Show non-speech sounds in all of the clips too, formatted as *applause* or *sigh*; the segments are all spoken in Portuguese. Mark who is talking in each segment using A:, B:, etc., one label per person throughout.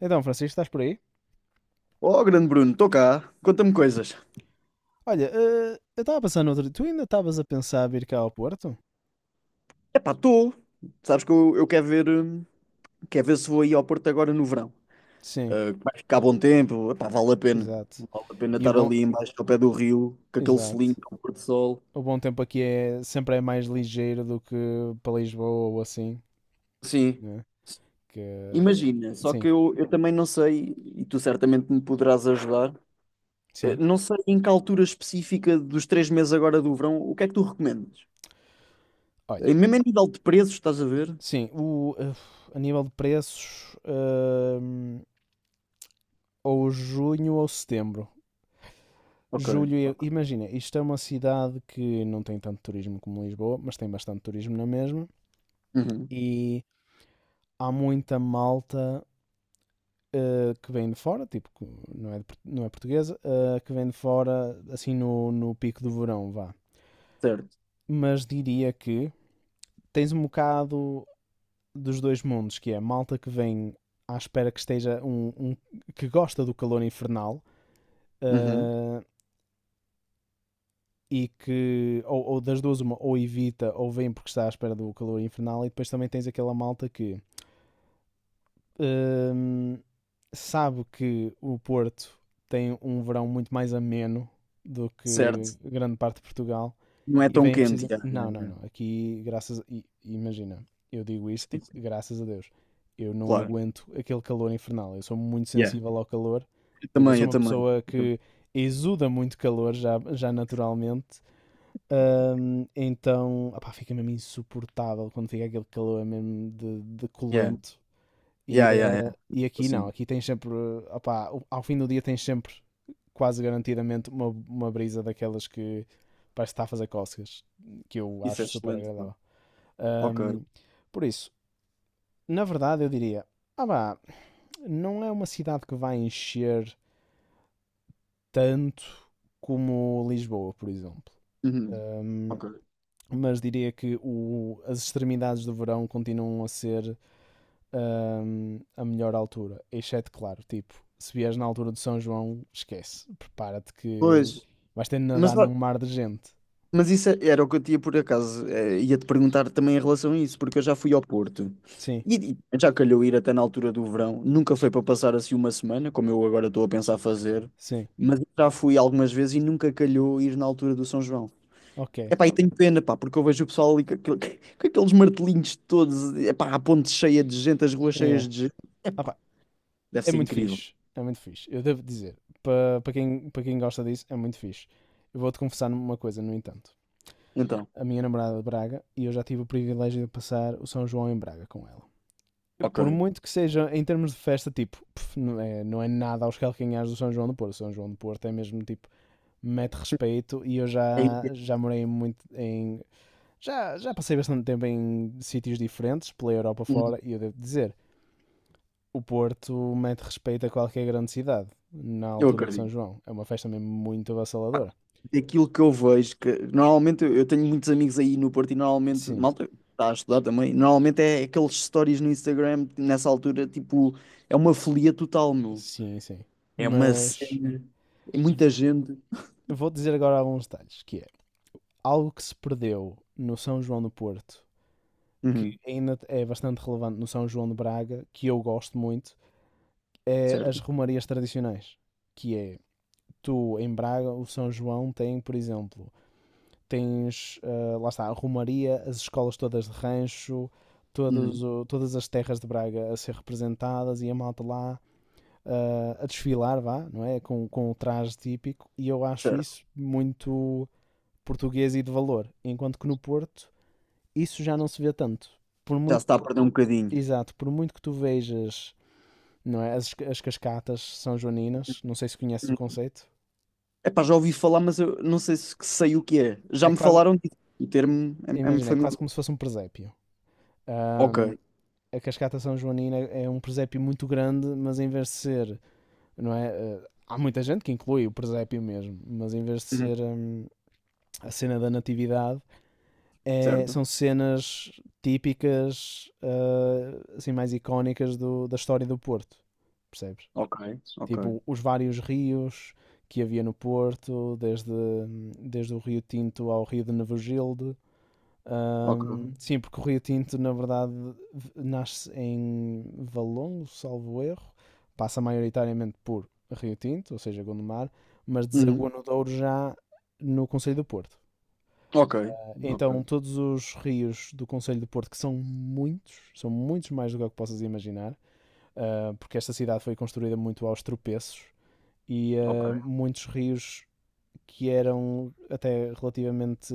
A: Então, Francisco, estás por aí?
B: Oh, grande Bruno, estou cá. Conta-me coisas.
A: Olha, eu estava a pensar no outro dia. Tu ainda estavas a pensar vir cá ao Porto?
B: Epá, estou. Sabes que eu quero quero ver se vou aí ao Porto agora no verão.
A: Sim,
B: Ah, que vai ficar bom tempo. Epá, vale a pena.
A: exato.
B: Vale a pena
A: E o
B: estar
A: bom.
B: ali embaixo ao pé do rio, com aquele selinho,
A: Exato.
B: com o pôr do sol.
A: O bom tempo aqui é sempre mais ligeiro do que para Lisboa ou assim,
B: Sim.
A: né? Que.
B: Imagina, só
A: Sim,
B: que eu também não sei, e tu certamente me poderás ajudar,
A: sim.
B: não sei em que altura específica dos 3 meses agora do verão, o que é que tu recomendas?
A: Olha,
B: Mesmo a nível de preços, estás a ver?
A: sim, a nível de preços, hum, ou junho ou setembro.
B: Ok.
A: Julho, imagina, isto é uma cidade que não tem tanto turismo como Lisboa, mas tem bastante turismo na mesma.
B: Uhum.
A: E há muita malta que vem de fora, tipo, não é, de não é portuguesa, que vem de fora, assim, no pico do verão, vá.
B: Certo.
A: Mas diria que tens um bocado dos dois mundos, que é malta que vem à espera que esteja que gosta do calor infernal,
B: Uhum.
A: eh, e que, ou das duas uma, ou evita ou vem porque está à espera do calor infernal. E depois também tens aquela malta que hum, sabe que o Porto tem um verão muito mais ameno do que
B: Certo.
A: grande parte de Portugal
B: Não é
A: e
B: tão
A: vem
B: quente,
A: precisa.
B: yeah, yeah,
A: Não, não,
B: yeah.
A: não. Aqui, graças. Imagina, eu digo isto,
B: Sim,
A: tipo,
B: sim,
A: graças a Deus. Eu não
B: claro.
A: aguento aquele calor infernal. Eu sou muito
B: Yeah.
A: sensível ao calor.
B: Eu
A: Tipo, eu
B: também,
A: sou
B: eu
A: uma
B: também.
A: pessoa que exuda muito calor já naturalmente. Então, opá, fica mesmo insuportável quando fica aquele calor mesmo de
B: Yeah.
A: colento. E,
B: Yeah, yeah,
A: eh,
B: yeah.
A: e aqui não,
B: Assim,
A: aqui tens sempre, opá, ao fim do dia tens sempre quase garantidamente uma brisa daquelas que parece que está a fazer cócegas, que eu
B: isso é
A: acho super
B: excelente, mano.
A: agradável.
B: Ok.
A: Ahm, por isso, na verdade eu diria, ah vá, não é uma cidade que vai encher tanto como Lisboa, por exemplo.
B: Uhum.
A: Ahm,
B: Ok.
A: mas diria que as extremidades do verão continuam a ser, a melhor altura. Exceto, claro, tipo, se vieres na altura de São João, esquece. Prepara-te que
B: Pois,
A: vais ter de nadar
B: mas, ó,
A: num mar de gente.
B: mas isso era o que eu tinha por acaso. Ia-te perguntar também em relação a isso, porque eu já fui ao Porto
A: Sim,
B: e já calhou ir até na altura do verão. Nunca foi para passar assim uma semana, como eu agora estou a pensar fazer,
A: sim.
B: mas já fui algumas vezes e nunca calhou ir na altura do São João.
A: Ok.
B: Epá, e tenho pena, pá, porque eu vejo o pessoal ali *laughs* com aqueles martelinhos todos, epá, a ponte cheia de gente, as ruas
A: É.
B: cheias de gente.
A: Ah
B: Epá,
A: pá,
B: deve
A: é
B: ser
A: muito
B: incrível.
A: fixe. É muito fixe. Eu devo dizer, para pa quem gosta disso, é muito fixe. Eu vou-te confessar uma coisa, no entanto.
B: Então,
A: A minha namorada é de Braga e eu já tive o privilégio de passar o São João em Braga com ela. Por
B: ok.
A: muito que seja, em termos de festa, tipo, pff, não, é, não é nada aos calcanhares do São João do Porto. O São João do Porto é mesmo tipo mete respeito e eu
B: É
A: já,
B: incrível.
A: já morei muito em. Já passei bastante tempo em sítios diferentes, pela Europa fora, e eu devo dizer, o Porto mete respeito a qualquer grande cidade, na
B: Eu
A: altura de São
B: acredito.
A: João. É uma festa mesmo muito
B: Pá,
A: avassaladora.
B: daquilo que eu vejo, que normalmente eu tenho muitos amigos aí no Porto e normalmente,
A: Sim,
B: malta, está a estudar também, normalmente é aqueles stories no Instagram, nessa altura, tipo, é uma folia total, meu.
A: sim, sim.
B: É uma
A: Mas
B: cena, é muita gente.
A: vou dizer agora alguns detalhes, que é algo que se perdeu no São João do Porto, que
B: Uhum,
A: ainda é bastante relevante no São João de Braga, que eu gosto muito, é as
B: certo?
A: romarias tradicionais, que é tu em Braga. O São João tem, por exemplo, tens, lá está, a Romaria, as escolas todas de rancho,
B: Uhum,
A: todas as terras de Braga a ser representadas e a malta lá, a desfilar, vá, não é? Com o traje típico, e eu acho
B: certo.
A: isso muito português e de valor, enquanto que no Porto isso já não se vê tanto. Por
B: Já se
A: muito,
B: está a perder um bocadinho.
A: exato, por muito que tu vejas, não é? As cascatas são joaninas, não sei se conheces o conceito.
B: Epá, já ouvi falar, mas eu não sei se que sei o que é.
A: É
B: Já me
A: quase,
B: falaram disso. O termo é-me
A: imagina, é quase
B: familiar.
A: como se fosse um presépio. Ahm,
B: Ok.
A: a cascata São Joanina é um presépio muito grande, mas em vez de ser, não é? Há muita gente que inclui o presépio mesmo, mas em vez de
B: Uhum.
A: ser, a cena da natividade,
B: Certo.
A: são cenas típicas, assim, mais icónicas da história do Porto, percebes?
B: Ok. Ok.
A: Tipo, os vários rios que havia no Porto, desde o Rio Tinto ao Rio de Nevogilde.
B: Ok.
A: Sim, porque o Rio Tinto, na verdade, nasce em Valongo, salvo erro, passa maioritariamente por Rio Tinto, ou seja, Gondomar, mas
B: Uhum.
A: desagua no Douro já no Conselho do Porto.
B: Ok.
A: Então,
B: Ok.
A: todos os rios do Conselho do Porto, que são muitos mais do que o que possas imaginar, porque esta cidade foi construída muito aos tropeços e,
B: Ok.
A: muitos rios que eram até relativamente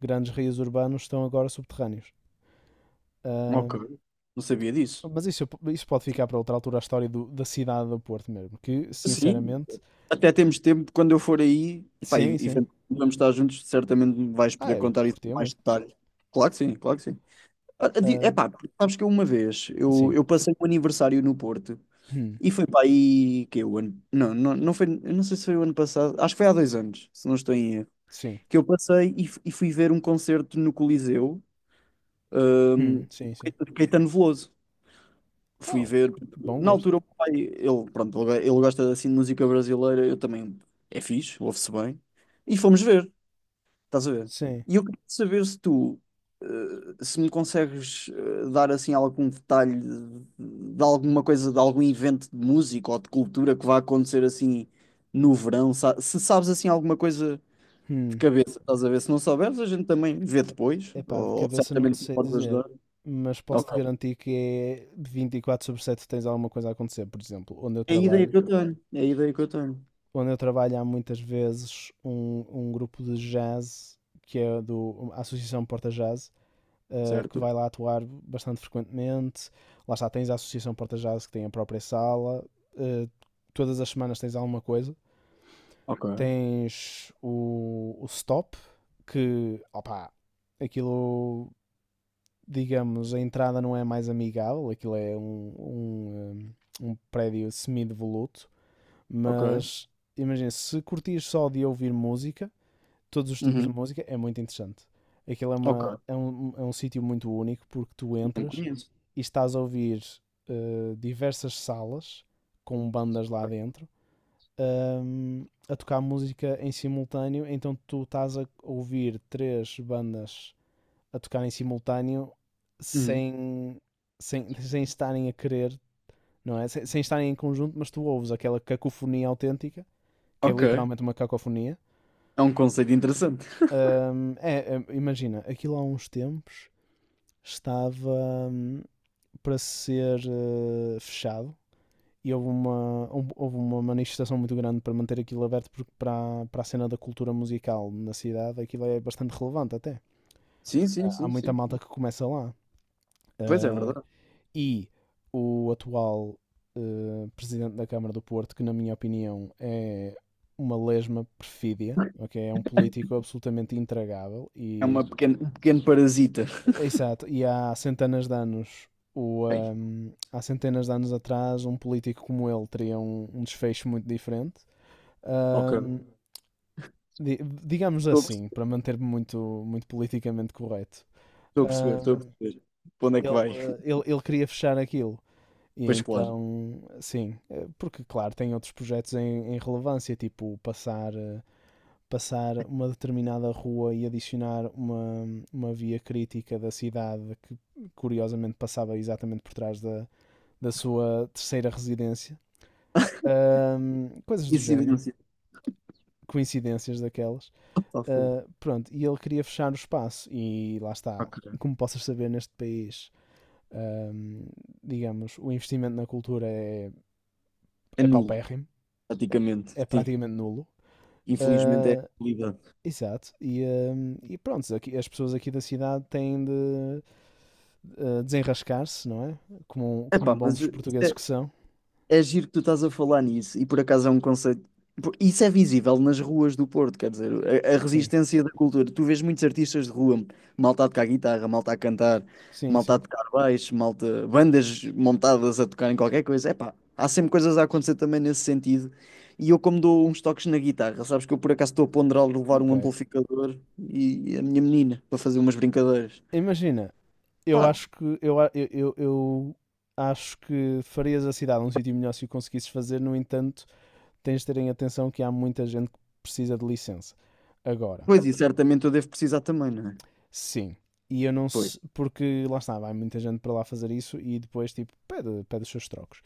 A: grandes rios urbanos estão agora subterrâneos.
B: Ok.
A: Ahm,
B: Não sabia disso.
A: Mas isso pode ficar para outra altura, a história da cidade do Porto mesmo. Que,
B: Sim.
A: sinceramente,
B: Até temos tempo, quando eu for aí, epá, e,
A: sim,
B: e
A: sim.
B: vamos estar juntos, certamente me vais
A: Ah,
B: poder
A: eu
B: contar isso com
A: curtia
B: mais
A: muito.
B: detalhe. Claro que sim, claro que sim. Ah,
A: Ah,
B: epá, porque sabes que eu uma vez, eu,
A: sim.
B: eu passei um aniversário no Porto.
A: Hum,
B: E foi para aí que é o ano. Não, não, não foi. Eu não sei se foi o ano passado. Acho que foi há 2 anos, se não estou em erro.
A: sim.
B: Que eu passei e fui ver um concerto no Coliseu, hum,
A: Sim, sim.
B: de Caetano Veloso. Fui
A: Oh,
B: ver.
A: bom
B: Na
A: gosto.
B: altura, o meu pai, ele, pronto, ele gosta assim de música brasileira, eu também. É fixe, ouve-se bem. E fomos ver. Estás a ver?
A: Sim.
B: E eu queria saber se tu, se me consegues dar assim algum detalhe de alguma coisa, de algum evento de música ou de cultura que vai acontecer assim no verão, se sabes assim alguma coisa de
A: Hum.
B: cabeça, estás a ver? Se não souberes, a gente também vê depois,
A: Epá, de
B: ou,
A: cabeça não te
B: certamente me
A: sei
B: podes
A: dizer.
B: ajudar.
A: Mas posso-te
B: Ok.
A: garantir que é 24/7, tens alguma coisa a acontecer. Por exemplo, onde eu
B: É a ideia
A: trabalho.
B: que eu tenho, é a ideia que eu tenho,
A: Onde eu trabalho há muitas vezes um grupo de jazz que é do a Associação Porta Jazz, que
B: certo?
A: vai lá atuar bastante frequentemente. Lá está, tens a Associação Porta Jazz que tem a própria sala. Uh, Todas as semanas tens alguma coisa.
B: Ok,
A: Tens o Stop, que, opá, aquilo, digamos, a entrada não é mais amigável, aquilo é um, um prédio semi-devoluto,
B: ok.
A: mas imagina, se curtires só de ouvir música, todos os tipos de
B: Uhum.
A: música, é muito interessante. Aquilo é, uma,
B: Ok.
A: é um, é um sítio muito único porque tu
B: Não
A: entras
B: conheço.
A: e estás a ouvir, diversas salas com bandas lá dentro, a tocar música em simultâneo. Então tu estás a ouvir três bandas a tocar em simultâneo
B: Uhum.
A: sem, *laughs* sem estarem a querer, não é? Sem estarem em conjunto, mas tu ouves aquela cacofonia autêntica, que é
B: Ok.
A: literalmente uma cacofonia.
B: É um conceito interessante. *laughs*
A: Imagina, aquilo há uns tempos estava, para ser, fechado, e houve uma, houve uma manifestação muito grande para manter aquilo aberto, porque para a cena da cultura musical na cidade aquilo é bastante relevante até.
B: Sim, sim,
A: Há
B: sim,
A: muita
B: sim.
A: malta que começa lá.
B: Pois é
A: Uh,
B: verdade.
A: e o atual, presidente da Câmara do Porto, que na minha opinião é uma lesma perfídia, ok? É um político absolutamente intragável. E
B: Um pequeno parasita.
A: exato, e há centenas de anos,
B: Ei,
A: há centenas de anos atrás um político como ele teria um, desfecho muito diferente.
B: ok.
A: Ahm, di- Digamos
B: Estou a
A: assim,
B: perce-
A: para manter-me muito, muito politicamente correto.
B: estou a perceber, estou a
A: Ahm,
B: perceber. Para onde é que
A: ele,
B: vai?
A: eh, ele, ele queria fechar aquilo. E
B: Pois claro.
A: então, sim, porque, claro, tem outros projetos em, relevância, tipo passar, passar uma determinada rua e adicionar uma via crítica da cidade que, curiosamente, passava exatamente por trás da sua terceira residência. Coisas do género,
B: Incidência.
A: coincidências daquelas.
B: Tá fogo.
A: Pronto, e ele queria fechar o espaço, e lá está.
B: Ok.
A: Como possas saber, neste país, um, digamos, o investimento na cultura é,
B: É
A: é
B: nulo,
A: paupérrimo,
B: praticamente.
A: é
B: Sim.
A: praticamente nulo.
B: Infelizmente é a
A: Uh,
B: realidade.
A: Exato, e, e pronto, aqui, as pessoas aqui da cidade têm de, desenrascar-se, não é? Como
B: Epá, mas
A: bons
B: isso
A: portugueses
B: é,
A: que são.
B: É giro que tu estás a falar nisso, e por acaso é um conceito. Isso é visível nas ruas do Porto, quer dizer, a
A: Sim,
B: resistência da cultura. Tu vês muitos artistas de rua, malta a tocar guitarra, malta a cantar,
A: sim,
B: malta a
A: sim.
B: tocar baixo, malta, bandas montadas a tocar em qualquer coisa. Epá, há sempre coisas a acontecer também nesse sentido. E eu, como dou uns toques na guitarra, sabes que eu por acaso estou a ponderar levar um
A: Ok.
B: amplificador e a minha menina para fazer umas brincadeiras.
A: Imagina, eu
B: Pá,
A: acho que eu acho que farias a cidade um sítio melhor se o conseguisses fazer. No entanto, tens de terem atenção que há muita gente que precisa de licença. Agora,
B: pois e certamente eu devo precisar também, não é?
A: sim. E eu não
B: Pois,
A: sei, porque lá está, vai muita gente para lá fazer isso e depois, tipo, pede, pede os seus trocos.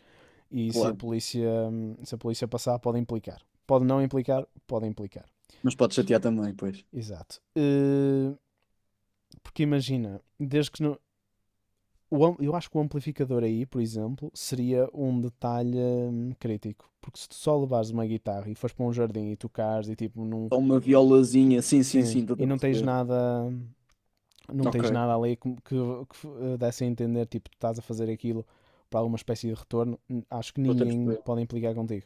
A: E se a
B: claro.
A: polícia, se a polícia passar, pode implicar. Pode não implicar, pode implicar.
B: Mas pode chatear também, pois.
A: Exato. Porque imagina, desde que não, eu acho que o amplificador aí, por exemplo, seria um detalhe, crítico. Porque se tu só levares uma guitarra e fores para um jardim e tocares e tipo não.
B: É uma violazinha, sim, sim,
A: Sim,
B: sim, estou
A: e
B: a
A: não tens
B: perceber.
A: nada. Não
B: Ok,
A: tens nada ali desse a entender, tipo, tu estás a fazer aquilo para alguma espécie de retorno. Acho que
B: estou a
A: ninguém
B: perceber.
A: pode implicar contigo.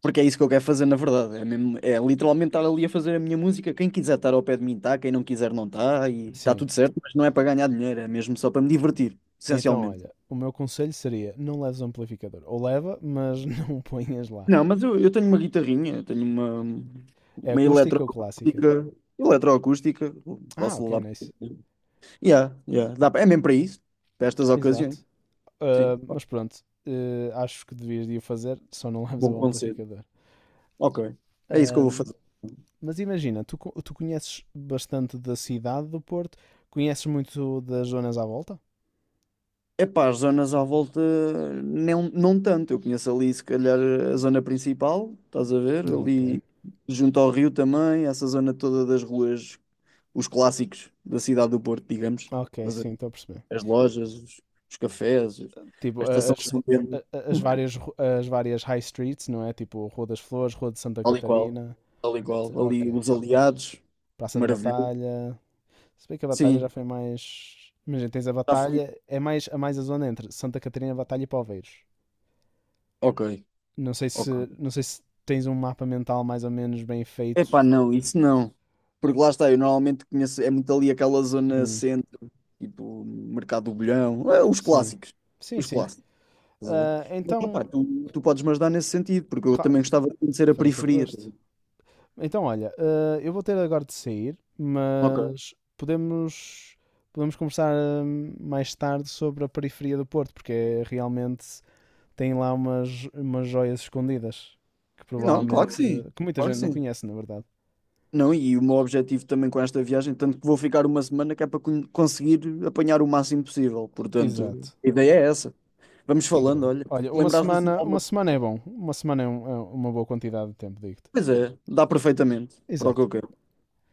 B: Porque é isso que eu quero fazer, na verdade. É mesmo, é literalmente estar ali a fazer a minha música. Quem quiser estar ao pé de mim está, quem não quiser não está, e está
A: Sim.
B: tudo certo, mas não é para ganhar dinheiro, é mesmo só para me divertir,
A: Então,
B: essencialmente.
A: olha, o meu conselho seria não leves o amplificador. Ou leva, mas *laughs* não ponhas lá.
B: Não, mas eu tenho uma guitarrinha, eu tenho uma,
A: É
B: uma
A: acústica ou clássica?
B: eletroacústica,
A: Ah,
B: posso
A: ok,
B: levar. Para.
A: nice.
B: Yeah, yeah, dá, é mesmo para isso, para estas
A: Exato.
B: ocasiões. Sim,
A: Mas pronto, acho que devias de o fazer, só não *laughs* leves
B: bom
A: o
B: conselho.
A: amplificador.
B: Ok, é isso que eu vou
A: Um,
B: fazer.
A: mas imagina, tu conheces bastante da cidade do Porto, conheces muito das zonas à volta?
B: Epá, as zonas à volta não, não tanto. Eu conheço ali, se calhar, a zona principal, estás a ver?
A: Ok.
B: Ali junto ao rio também, essa zona toda das ruas, os clássicos da cidade do Porto, digamos.
A: Ok,
B: Mas a-
A: sim, estou a perceber.
B: As lojas, os cafés,
A: Tipo,
B: a estação de São Pedro,
A: a- as, várias, ru- as várias high streets, não é? Tipo, Rua das Flores, Rua de Santa
B: tal e qual,
A: Catarina,
B: tal e qual.
A: etc.
B: Ali
A: Ok.
B: os Aliados,
A: Praça da
B: maravilhoso.
A: Batalha. Se bem que a Batalha já
B: Sim,
A: foi mais. Imagina, tens a
B: já fui.
A: Batalha, é mais, a mais a zona entre Santa Catarina, Batalha e Poveiros.
B: Ok,
A: Não sei se,
B: ok.
A: não sei se tens um mapa mental mais ou menos bem feito.
B: Epá, não, isso não. Porque lá está, eu normalmente conheço, é muito ali aquela zona
A: Hum,
B: centro, tipo Mercado do Bolhão, os
A: sim.
B: clássicos.
A: Sim,
B: Os
A: sim.
B: clássicos, estás a ver?
A: Ah,
B: Mas epá,
A: então,
B: tu podes me ajudar nesse sentido, porque eu também
A: claro,
B: gostava de conhecer a
A: farei todo o
B: periferia. Estás
A: gosto.
B: a ver?
A: Então, olha, eu vou ter agora de sair,
B: Ok.
A: mas podemos conversar, mais tarde, sobre a periferia do Porto, porque é, realmente tem lá umas, joias escondidas que
B: Não, claro que
A: provavelmente,
B: sim,
A: que muita
B: claro que
A: gente não
B: sim.
A: conhece, na verdade.
B: Não, e o meu objetivo também com esta viagem, tanto que vou ficar uma semana, que é para conseguir apanhar o máximo possível. Portanto,
A: Exato.
B: a ideia é essa. Vamos falando,
A: Incrível.
B: olha.
A: Olha,
B: Se lembrares assim de
A: uma
B: alguma
A: semana é bom. Uma semana é uma boa quantidade de tempo, digo-te.
B: coisa? Dá perfeitamente para o que
A: Exato.
B: eu quero.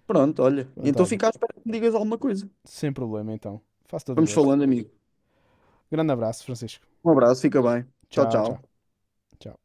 B: Pronto, olha.
A: Pronto,
B: Então
A: olha,
B: fica à espera que me digas alguma coisa.
A: sem problema então. Faço todo o
B: Vamos
A: gosto.
B: falando, amigo.
A: Grande abraço, Francisco.
B: Um abraço, fica bem. Tchau,
A: Tchau, tchau.
B: tchau.
A: Tchau.